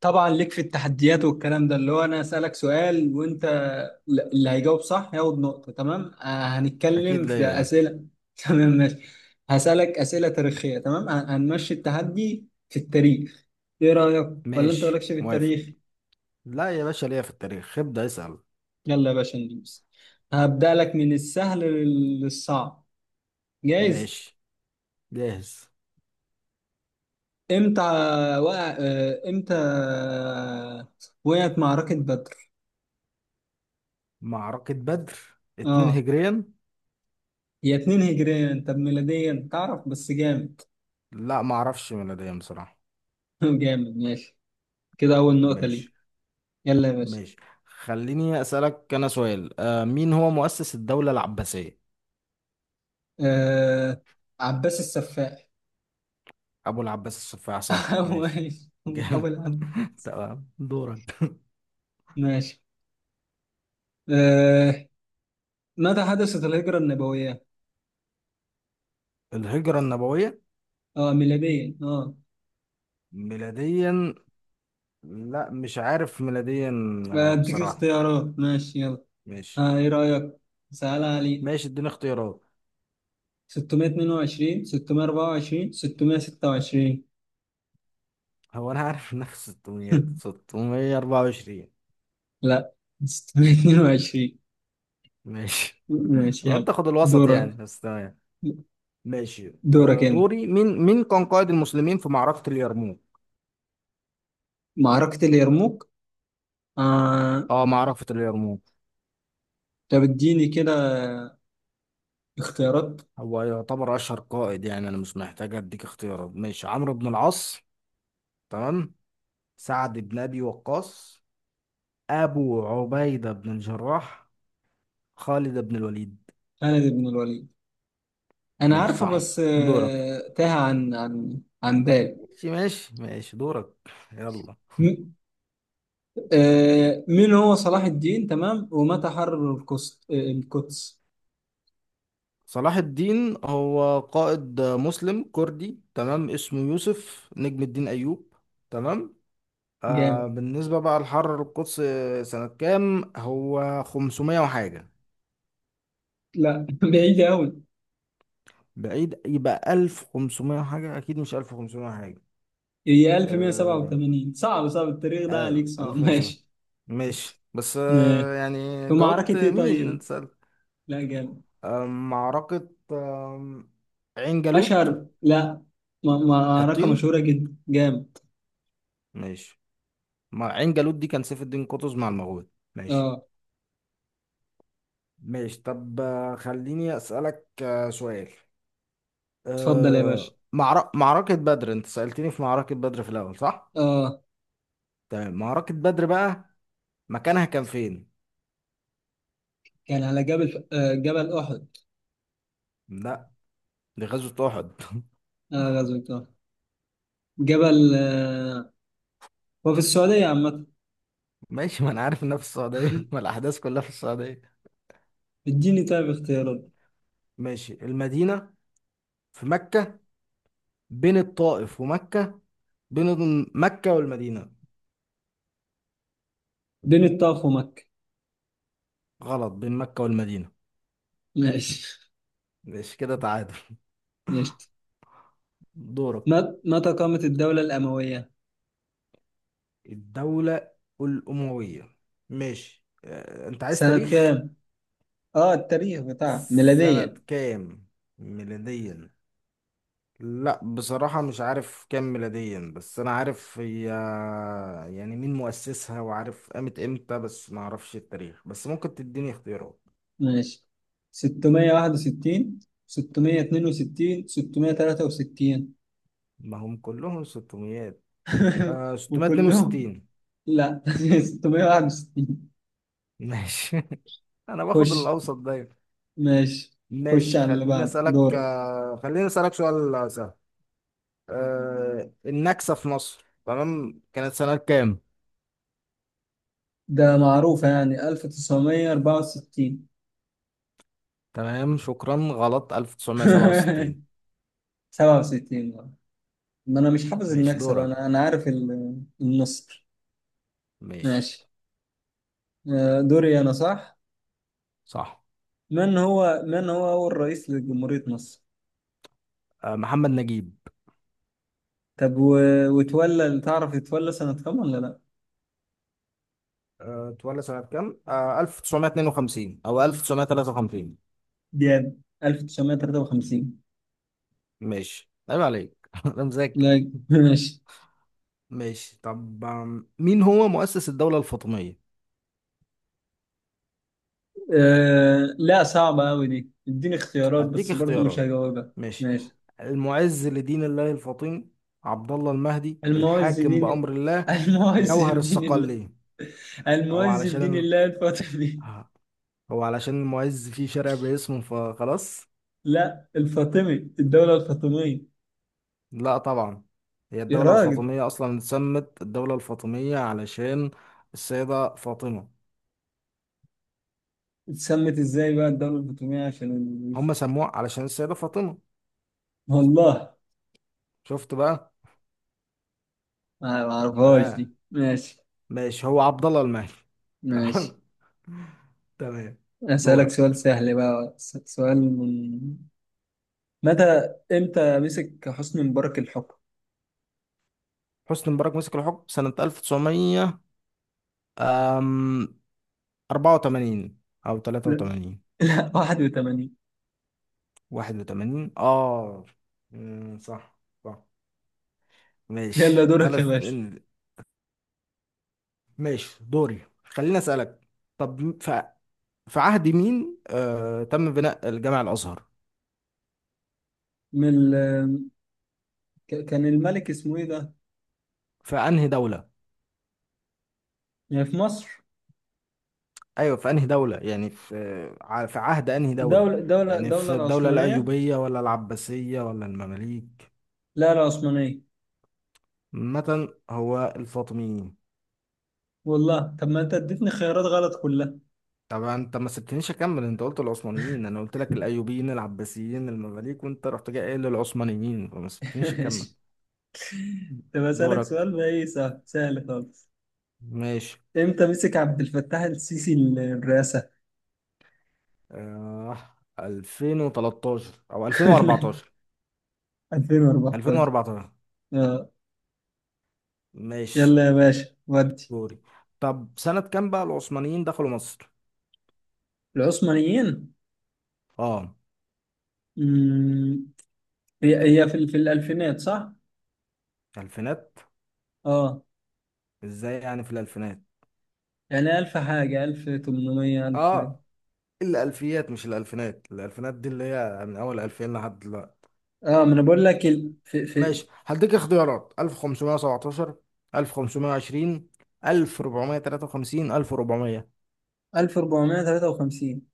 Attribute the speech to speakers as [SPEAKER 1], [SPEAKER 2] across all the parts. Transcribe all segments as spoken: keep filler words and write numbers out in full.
[SPEAKER 1] طبعا ليك في التحديات والكلام ده اللي هو انا اسالك سؤال وانت، ل- اللي هيجاوب صح ياخد نقطه. تمام. آه، هنتكلم
[SPEAKER 2] اكيد
[SPEAKER 1] في
[SPEAKER 2] ليا يعني.
[SPEAKER 1] اسئله. تمام، ماشي. هسالك اسئله تاريخيه، تمام. هن- هنمشي التحدي في التاريخ. ايه رايك، ولا انت
[SPEAKER 2] ماشي،
[SPEAKER 1] مالكش في
[SPEAKER 2] موافق.
[SPEAKER 1] التاريخ؟
[SPEAKER 2] لا يا باشا، ليا في التاريخ. ابدأ اسأل.
[SPEAKER 1] يلا يا باشا، ندوس. هبدا لك من السهل لل- للصعب. جايز؟
[SPEAKER 2] ماشي، جاهز.
[SPEAKER 1] امتى وقع آه، امتى وقعت معركه بدر؟
[SPEAKER 2] معركة بدر، اتنين
[SPEAKER 1] اه،
[SPEAKER 2] هجريا.
[SPEAKER 1] هي اتنين هجريا. انت ميلاديا تعرف؟ بس جامد.
[SPEAKER 2] لا معرفش ميلاديا بصراحة.
[SPEAKER 1] جامد، ماشي. كده أول نقطة لي.
[SPEAKER 2] ماشي،
[SPEAKER 1] يلا يا باشا.
[SPEAKER 2] ماشي. خليني اسألك انا سؤال. آه مين هو مؤسس الدولة العباسية؟
[SPEAKER 1] آه... عباس السفاح.
[SPEAKER 2] ابو العباس السفاح، صح. ماشي،
[SPEAKER 1] أول.
[SPEAKER 2] جامد.
[SPEAKER 1] أول عبد.
[SPEAKER 2] تمام، دورك.
[SPEAKER 1] ماشي. آه... متى حدثت الهجرة النبوية؟
[SPEAKER 2] الهجرة النبوية،
[SPEAKER 1] اه، ميلاديا. اه
[SPEAKER 2] ميلاديا. لا مش عارف ميلاديا، آه،
[SPEAKER 1] أديك
[SPEAKER 2] بصراحة.
[SPEAKER 1] اختيارات، ماشي. يلا،
[SPEAKER 2] ماشي،
[SPEAKER 1] آه إيه رأيك؟ سهل علي.
[SPEAKER 2] ماشي، اديني اختيارات.
[SPEAKER 1] ستمائة اثنين وعشرين، ستمية اربعة وعشرين، ستمائة ستة وعشرين.
[SPEAKER 2] هو انا عارف انها في ستمائة، ستمائة وأربعة وعشرين.
[SPEAKER 1] لا، ستمية اتنين وعشرين.
[SPEAKER 2] ماشي.
[SPEAKER 1] ماشي،
[SPEAKER 2] لو
[SPEAKER 1] يلا.
[SPEAKER 2] انت خد الوسط يعني،
[SPEAKER 1] دورك،
[SPEAKER 2] بس تمام. ماشي،
[SPEAKER 1] دورك
[SPEAKER 2] آه،
[SPEAKER 1] انت.
[SPEAKER 2] دوري. مين مين كان قائد المسلمين في معركة اليرموك؟
[SPEAKER 1] معركة اليرموك. آه
[SPEAKER 2] اه، معركة اليرموك.
[SPEAKER 1] طب اديني كده اختيارات.
[SPEAKER 2] هو يعتبر اشهر قائد، يعني انا مش محتاج اديك اختيارات. ماشي، عمرو بن العاص، تمام، سعد بن ابي وقاص، ابو عبيدة بن الجراح، خالد بن الوليد.
[SPEAKER 1] خالد بن الوليد. انا
[SPEAKER 2] ماشي،
[SPEAKER 1] عارفه
[SPEAKER 2] صح،
[SPEAKER 1] بس،
[SPEAKER 2] دورك.
[SPEAKER 1] آه، تاه عن عن عن بالي.
[SPEAKER 2] ماشي، ماشي، ماشي، دورك، يلا.
[SPEAKER 1] م- آه، مين هو صلاح الدين؟ تمام. ومتى حرر القدس؟ آه، القدس
[SPEAKER 2] صلاح الدين هو قائد مسلم كردي، تمام. اسمه يوسف نجم الدين أيوب، تمام. آه
[SPEAKER 1] جامد.
[SPEAKER 2] بالنسبة بقى لحرر القدس، سنة كام؟ هو خمسمية وحاجة.
[SPEAKER 1] لا بعيد قوي.
[SPEAKER 2] بعيد، يبقى ألف وخمسمائة وحاجة. أكيد مش ألف وخمسمائة وحاجة.
[SPEAKER 1] هي
[SPEAKER 2] آه
[SPEAKER 1] الف ومية سبعة وتمانين. صعب، صعب التاريخ ده
[SPEAKER 2] آه،
[SPEAKER 1] عليك. صعب
[SPEAKER 2] ألف ومتين سنة.
[SPEAKER 1] ماشي.
[SPEAKER 2] ماشي، بس
[SPEAKER 1] آه،
[SPEAKER 2] آه
[SPEAKER 1] في
[SPEAKER 2] يعني
[SPEAKER 1] معركة
[SPEAKER 2] جاوبت.
[SPEAKER 1] ايه؟
[SPEAKER 2] مين أنت
[SPEAKER 1] طيب،
[SPEAKER 2] سألت؟
[SPEAKER 1] لا جامد.
[SPEAKER 2] آه معركة، آه عين جالوت.
[SPEAKER 1] اشهر، لا. م- معركة
[SPEAKER 2] حطين.
[SPEAKER 1] مشهورة جدا، جامد.
[SPEAKER 2] ماشي. ما عين جالوت دي كان سيف الدين قطز مع المغول. ماشي،
[SPEAKER 1] اه،
[SPEAKER 2] ماشي. طب، آه، خليني أسألك آه، سؤال.
[SPEAKER 1] اتفضل يا باشا.
[SPEAKER 2] أه... معر... معركة بدر. انت سألتني في معركة بدر في الأول، صح؟
[SPEAKER 1] اه،
[SPEAKER 2] تمام، معركة بدر بقى، مكانها كان فين؟
[SPEAKER 1] كان على جبل، آه، جبل احد.
[SPEAKER 2] لا، دي غزوة أحد.
[SPEAKER 1] اه، غزوة طه. جبل آه، هو في السعودية عامة.
[SPEAKER 2] ماشي، ما أنا عارف إنها في السعودية. ما الأحداث كلها في السعودية.
[SPEAKER 1] اديني طيب اختيارات.
[SPEAKER 2] ماشي، المدينة، في مكة، بين الطائف ومكة، بين مكة والمدينة.
[SPEAKER 1] بين الطائف ومكة.
[SPEAKER 2] غلط، بين مكة والمدينة.
[SPEAKER 1] ماشي،
[SPEAKER 2] ماشي، كده تعادل.
[SPEAKER 1] ماشي.
[SPEAKER 2] دورك.
[SPEAKER 1] مت- متى قامت الدولة الأموية؟
[SPEAKER 2] الدولة الأموية. ماشي، آه، أنت عايز
[SPEAKER 1] سنة
[SPEAKER 2] تاريخ؟
[SPEAKER 1] كام؟ اه، التاريخ بتاعها
[SPEAKER 2] سنة
[SPEAKER 1] ميلاديا،
[SPEAKER 2] كام، ميلاديا؟ لا بصراحة مش عارف كام ميلاديا، بس أنا عارف هي. يعني مين مؤسسها، وعارف قامت إمتى، بس ما أعرفش التاريخ. بس ممكن تديني اختيارات.
[SPEAKER 1] ماشي. ستمية واحد وستين، ستمية اتنين وستين، ستمية تلاتة وستين.
[SPEAKER 2] ما هم كلهم ستمائة. آه
[SPEAKER 1] وكلهم.
[SPEAKER 2] ستمائة واثنين وستين.
[SPEAKER 1] لا ستمية واحد وستين.
[SPEAKER 2] ماشي، أنا
[SPEAKER 1] خش،
[SPEAKER 2] باخد الأوسط دايما.
[SPEAKER 1] ماشي. خش
[SPEAKER 2] ماشي،
[SPEAKER 1] على اللي
[SPEAKER 2] خليني
[SPEAKER 1] بعده
[SPEAKER 2] أسألك
[SPEAKER 1] دور.
[SPEAKER 2] آه خليني أسألك سؤال سهل. آه النكسة في مصر، تمام، كانت سنة كام؟
[SPEAKER 1] ده معروفة، يعني الف وتسعمية اربعة وستين.
[SPEAKER 2] تمام، شكرا، غلط. ألف وتسعمية وسبعة وستين.
[SPEAKER 1] سبعة وستين بقى. ما انا مش حافظ
[SPEAKER 2] ماشي،
[SPEAKER 1] النكسة بقى.
[SPEAKER 2] دورك.
[SPEAKER 1] انا انا عارف ال- النصر.
[SPEAKER 2] ماشي،
[SPEAKER 1] ماشي. آه، دوري انا، صح.
[SPEAKER 2] صح.
[SPEAKER 1] من هو من هو اول رئيس لجمهورية مصر؟
[SPEAKER 2] آه محمد نجيب.
[SPEAKER 1] طب و... وتولى، تعرف يتولى سنة كام ولا لا؟
[SPEAKER 2] آه، اتولد سنة كام؟ آه ألف وتسعمية واتنين وخمسين أو ألف وتسعمية وتلاتة وخمسين.
[SPEAKER 1] جاب الف وتسعمية تلاتة وخمسين.
[SPEAKER 2] ماشي، عيب عليك، أنا مذاكر.
[SPEAKER 1] لا ماشي.
[SPEAKER 2] ماشي، طب، آم، مين هو مؤسس الدولة الفاطمية؟
[SPEAKER 1] آه... لا، صعبة قوي دي. اديني اختيارات
[SPEAKER 2] هديك
[SPEAKER 1] بس برضو مش
[SPEAKER 2] اختيارات،
[SPEAKER 1] هجاوبها.
[SPEAKER 2] ماشي.
[SPEAKER 1] ماشي.
[SPEAKER 2] المعز لدين الله الفاطمي، عبد الله المهدي،
[SPEAKER 1] المعز
[SPEAKER 2] الحاكم
[SPEAKER 1] دين
[SPEAKER 2] بأمر الله،
[SPEAKER 1] المعز
[SPEAKER 2] جوهر
[SPEAKER 1] دين الله.
[SPEAKER 2] الصقلية. هو
[SPEAKER 1] المعز دين
[SPEAKER 2] علشان ال...
[SPEAKER 1] الله الفاطمي.
[SPEAKER 2] ها- هو علشان المعز فيه شارع باسمه فخلاص.
[SPEAKER 1] لا، الفاطمي. الدولة الفاطمية.
[SPEAKER 2] لا طبعا. هي
[SPEAKER 1] يا
[SPEAKER 2] الدولة
[SPEAKER 1] راجل،
[SPEAKER 2] الفاطمية أصلا اتسمت الدولة الفاطمية علشان السيدة فاطمة.
[SPEAKER 1] اتسمت ازاي بقى الدولة الفاطمية؟ عشان الإنجليز.
[SPEAKER 2] هم سموها علشان السيدة فاطمة.
[SPEAKER 1] والله
[SPEAKER 2] شفت بقى.
[SPEAKER 1] ما ما اعرفهاش دي.
[SPEAKER 2] اه.
[SPEAKER 1] ماشي.
[SPEAKER 2] ماشي، هو عبد الله المهدي،
[SPEAKER 1] ماشي،
[SPEAKER 2] تمام. تمام،
[SPEAKER 1] اسألك سؤال
[SPEAKER 2] دورك.
[SPEAKER 1] سهل بقى. س- سؤال. من متى امتى مسك حسني مبارك الحكم؟
[SPEAKER 2] حسني مبارك مسك الحكم سنة ألف وتسعمية، أم اربعة وتمانين أو
[SPEAKER 1] لا،
[SPEAKER 2] ثلاثة وثمانين،
[SPEAKER 1] لا واحد وتمانين.
[SPEAKER 2] واحد وثمانين. اه. أمم، صح، صح. ماشي،
[SPEAKER 1] يلا دورك يا
[SPEAKER 2] بالاس
[SPEAKER 1] باشا.
[SPEAKER 2] ال... ماشي، دوري، خليني اسالك. طب، ف... في عهد مين آه... تم بناء الجامع الازهر؟
[SPEAKER 1] من ال... ك- كان الملك اسمه ايه ده؟
[SPEAKER 2] في انهي دوله؟
[SPEAKER 1] يعني في مصر.
[SPEAKER 2] ايوه، في انهي دوله، يعني في ع- في عهد انهي دوله؟
[SPEAKER 1] دولة دولة
[SPEAKER 2] يعني
[SPEAKER 1] دولة
[SPEAKER 2] في الدوله
[SPEAKER 1] العثمانية.
[SPEAKER 2] الايوبيه ولا العباسيه ولا المماليك
[SPEAKER 1] لا، العثمانية.
[SPEAKER 2] مثلا، هو الفاطميين.
[SPEAKER 1] والله. طب ما انت اديتني خيارات غلط كلها.
[SPEAKER 2] طبعا انت ما سبتنيش اكمل. انت قلت العثمانيين، انا قلت لك الايوبيين العباسيين المماليك وانت رحت جاي قايل للعثمانيين، فما سبتنيش
[SPEAKER 1] ماشي.
[SPEAKER 2] اكمل.
[SPEAKER 1] طب أسألك
[SPEAKER 2] دورك.
[SPEAKER 1] سؤال بقى، إيه؟ سهل، سهل خالص.
[SPEAKER 2] ماشي.
[SPEAKER 1] إمتى مسك عبد الفتاح السيسي الرئاسة؟
[SPEAKER 2] آه الفين وتلتاشر او ألفين وأربعة عشر.
[SPEAKER 1] الفين واربعتاشر.
[SPEAKER 2] الفين واربعتاشر.
[SPEAKER 1] آه.
[SPEAKER 2] ماشي،
[SPEAKER 1] يلا يا باشا، ودي.
[SPEAKER 2] دوري. طب سنة كام بقى العثمانيين دخلوا مصر؟
[SPEAKER 1] العثمانيين.
[SPEAKER 2] اه،
[SPEAKER 1] مم، هي هي في ال- في الألفينات، صح؟
[SPEAKER 2] الفينات.
[SPEAKER 1] آه،
[SPEAKER 2] ازاي يعني في الالفينات؟
[SPEAKER 1] يعني ألف حاجة، ألف تمنمية، ألف.
[SPEAKER 2] اه، الالفيات مش الالفينات. الالفينات دي اللي هي من اول الفين لحد دلوقتي.
[SPEAKER 1] آه، ما أنا بقول لك ال... في في
[SPEAKER 2] ماشي، هديك اختيارات: ألف وخمسمائة وسبعة عشر، ألف وخمسمائة وعشرين، ألف وأربعمائة وثلاثة وخمسين، ألف وأربعمائة.
[SPEAKER 1] ألف وأربعمائة وثلاثة وخمسين.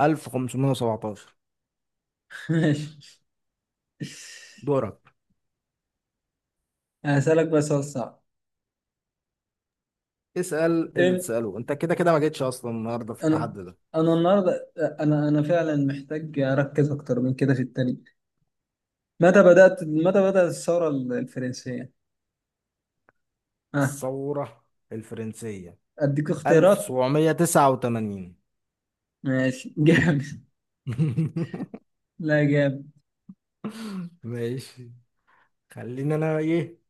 [SPEAKER 2] ألف وخمسمائة وسبعة عشر.
[SPEAKER 1] ماشي.
[SPEAKER 2] دورك.
[SPEAKER 1] هسألك بس سؤال صعب.
[SPEAKER 2] اسأل اللي
[SPEAKER 1] إم-
[SPEAKER 2] تسأله، انت كده كده ما جيتش اصلا النهارده في
[SPEAKER 1] انا
[SPEAKER 2] التحدي ده.
[SPEAKER 1] انا النهارده، انا انا فعلا محتاج اركز اكتر من كده في التاريخ. متى بدات، متى بدات الثوره الفرنسيه. اه،
[SPEAKER 2] الثورة الفرنسية،
[SPEAKER 1] اديك اختيارات.
[SPEAKER 2] ألف وسبعمية وتسعة وتمانين.
[SPEAKER 1] ماشي جامد. لا، جامد.
[SPEAKER 2] ماشي، خليني انا ايه،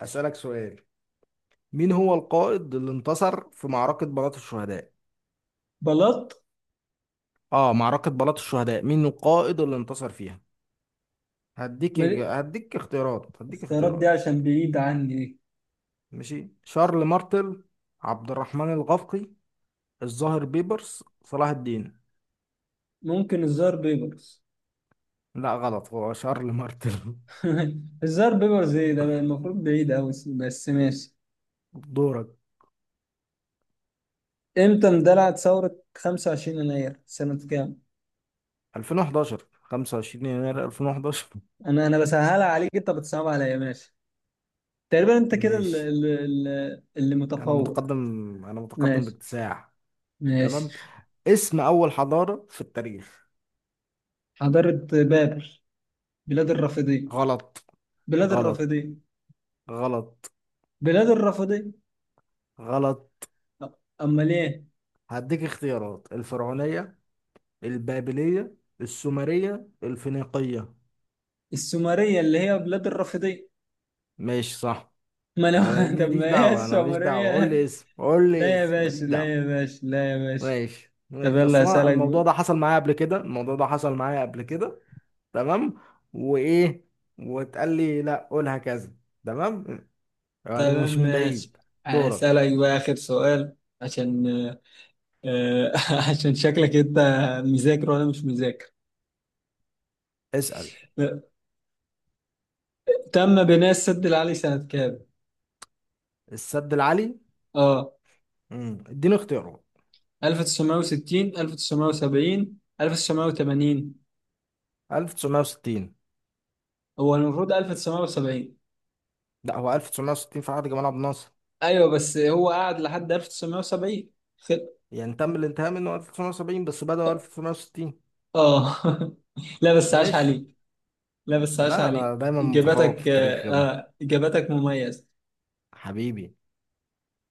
[SPEAKER 2] اسألك سؤال. مين هو القائد اللي انتصر في معركة بلاط الشهداء؟
[SPEAKER 1] بلاط.
[SPEAKER 2] اه، معركة بلاط الشهداء، مين القائد اللي انتصر فيها؟ هديك
[SPEAKER 1] ما-
[SPEAKER 2] هديك اختيارات هديك
[SPEAKER 1] الاختيارات
[SPEAKER 2] اختيارات
[SPEAKER 1] دي عشان بعيد عني.
[SPEAKER 2] ماشي، شارل مارتل، عبد الرحمن الغفقي، الظاهر بيبرس، صلاح الدين.
[SPEAKER 1] ممكن الزار بيبرز.
[SPEAKER 2] لا، غلط، هو شارل مارتل.
[SPEAKER 1] الزار بيبرز ايه ده؟ المفروض بعيد قوي، بس ماشي.
[SPEAKER 2] دورك.
[SPEAKER 1] امتى اندلعت ثوره 25 يناير سنه كام؟
[SPEAKER 2] الفين وحداشر، خمسة وعشرين يناير الفين وحداشر.
[SPEAKER 1] انا انا بسهلها عليك، انت بتصعب عليا، ماشي. تقريبا انت كده ال-
[SPEAKER 2] ماشي،
[SPEAKER 1] ال- ال- اللي
[SPEAKER 2] انا
[SPEAKER 1] متفوق.
[SPEAKER 2] متقدم، انا متقدم
[SPEAKER 1] ماشي،
[SPEAKER 2] باكتساح.
[SPEAKER 1] ماشي.
[SPEAKER 2] تمام، اسم اول حضارة في التاريخ.
[SPEAKER 1] حضارة بابل. بلاد الرافدين.
[SPEAKER 2] غلط،
[SPEAKER 1] بلاد
[SPEAKER 2] غلط،
[SPEAKER 1] الرافدين.
[SPEAKER 2] غلط،
[SPEAKER 1] بلاد الرافدين.
[SPEAKER 2] غلط.
[SPEAKER 1] أ- امال ايه؟
[SPEAKER 2] هديك اختيارات: الفرعونية، البابلية، السومرية، الفينيقية.
[SPEAKER 1] السومرية اللي هي بلاد الرافدين.
[SPEAKER 2] ماشي، صح.
[SPEAKER 1] ما
[SPEAKER 2] انا
[SPEAKER 1] انا طب
[SPEAKER 2] ماليش
[SPEAKER 1] ما هي
[SPEAKER 2] دعوة، انا ماليش دعوة، قول
[SPEAKER 1] السومرية.
[SPEAKER 2] لي اسم، قول لي
[SPEAKER 1] لا يا
[SPEAKER 2] اسم، ماليش
[SPEAKER 1] باشا، لا يا
[SPEAKER 2] دعوة.
[SPEAKER 1] باشا، لا يا باشا.
[SPEAKER 2] ماشي،
[SPEAKER 1] طب
[SPEAKER 2] ماشي،
[SPEAKER 1] يلا
[SPEAKER 2] اصل أنا
[SPEAKER 1] اسالك بقى.
[SPEAKER 2] الموضوع ده حصل معايا قبل كده، الموضوع ده حصل معايا قبل كده. تمام، وايه وتقال لي لا قولها كذا. تمام، يعني
[SPEAKER 1] تمام،
[SPEAKER 2] مش من
[SPEAKER 1] ماشي.
[SPEAKER 2] بعيد. دورك،
[SPEAKER 1] اسالك بقى اخر سؤال، عشان آه، عشان شكلك انت مذاكر وانا مش مذاكر.
[SPEAKER 2] اسأل.
[SPEAKER 1] تم بناء السد العالي سنة كام؟
[SPEAKER 2] السد العالي.
[SPEAKER 1] اه،
[SPEAKER 2] امم اديني اختياره.
[SPEAKER 1] ألف وتسعمائة وستين، ألف وتسعمائة وسبعين، ألف وتسعمائة وثمانين.
[SPEAKER 2] ألف وتسعمية وستين.
[SPEAKER 1] هو المفروض ألف وتسعمائة وسبعين.
[SPEAKER 2] لا، هو ألف وتسعمية وستين في عهد جمال عبد الناصر.
[SPEAKER 1] ايوه، بس هو قعد لحد الف وتسعمية سبعين. خل...
[SPEAKER 2] يعني تم الانتهاء منه ألف وتسعمية وسبعين بس بدأوا ألف وتسعمية وستين.
[SPEAKER 1] اه لا بس عاش
[SPEAKER 2] ماشي،
[SPEAKER 1] عليك. لا بس عاش
[SPEAKER 2] لا، انا
[SPEAKER 1] عليك.
[SPEAKER 2] دايما متفوق في
[SPEAKER 1] اجاباتك،
[SPEAKER 2] التاريخ
[SPEAKER 1] اه
[SPEAKER 2] يا ابني.
[SPEAKER 1] آه، اجاباتك مميزة.
[SPEAKER 2] حبيبي.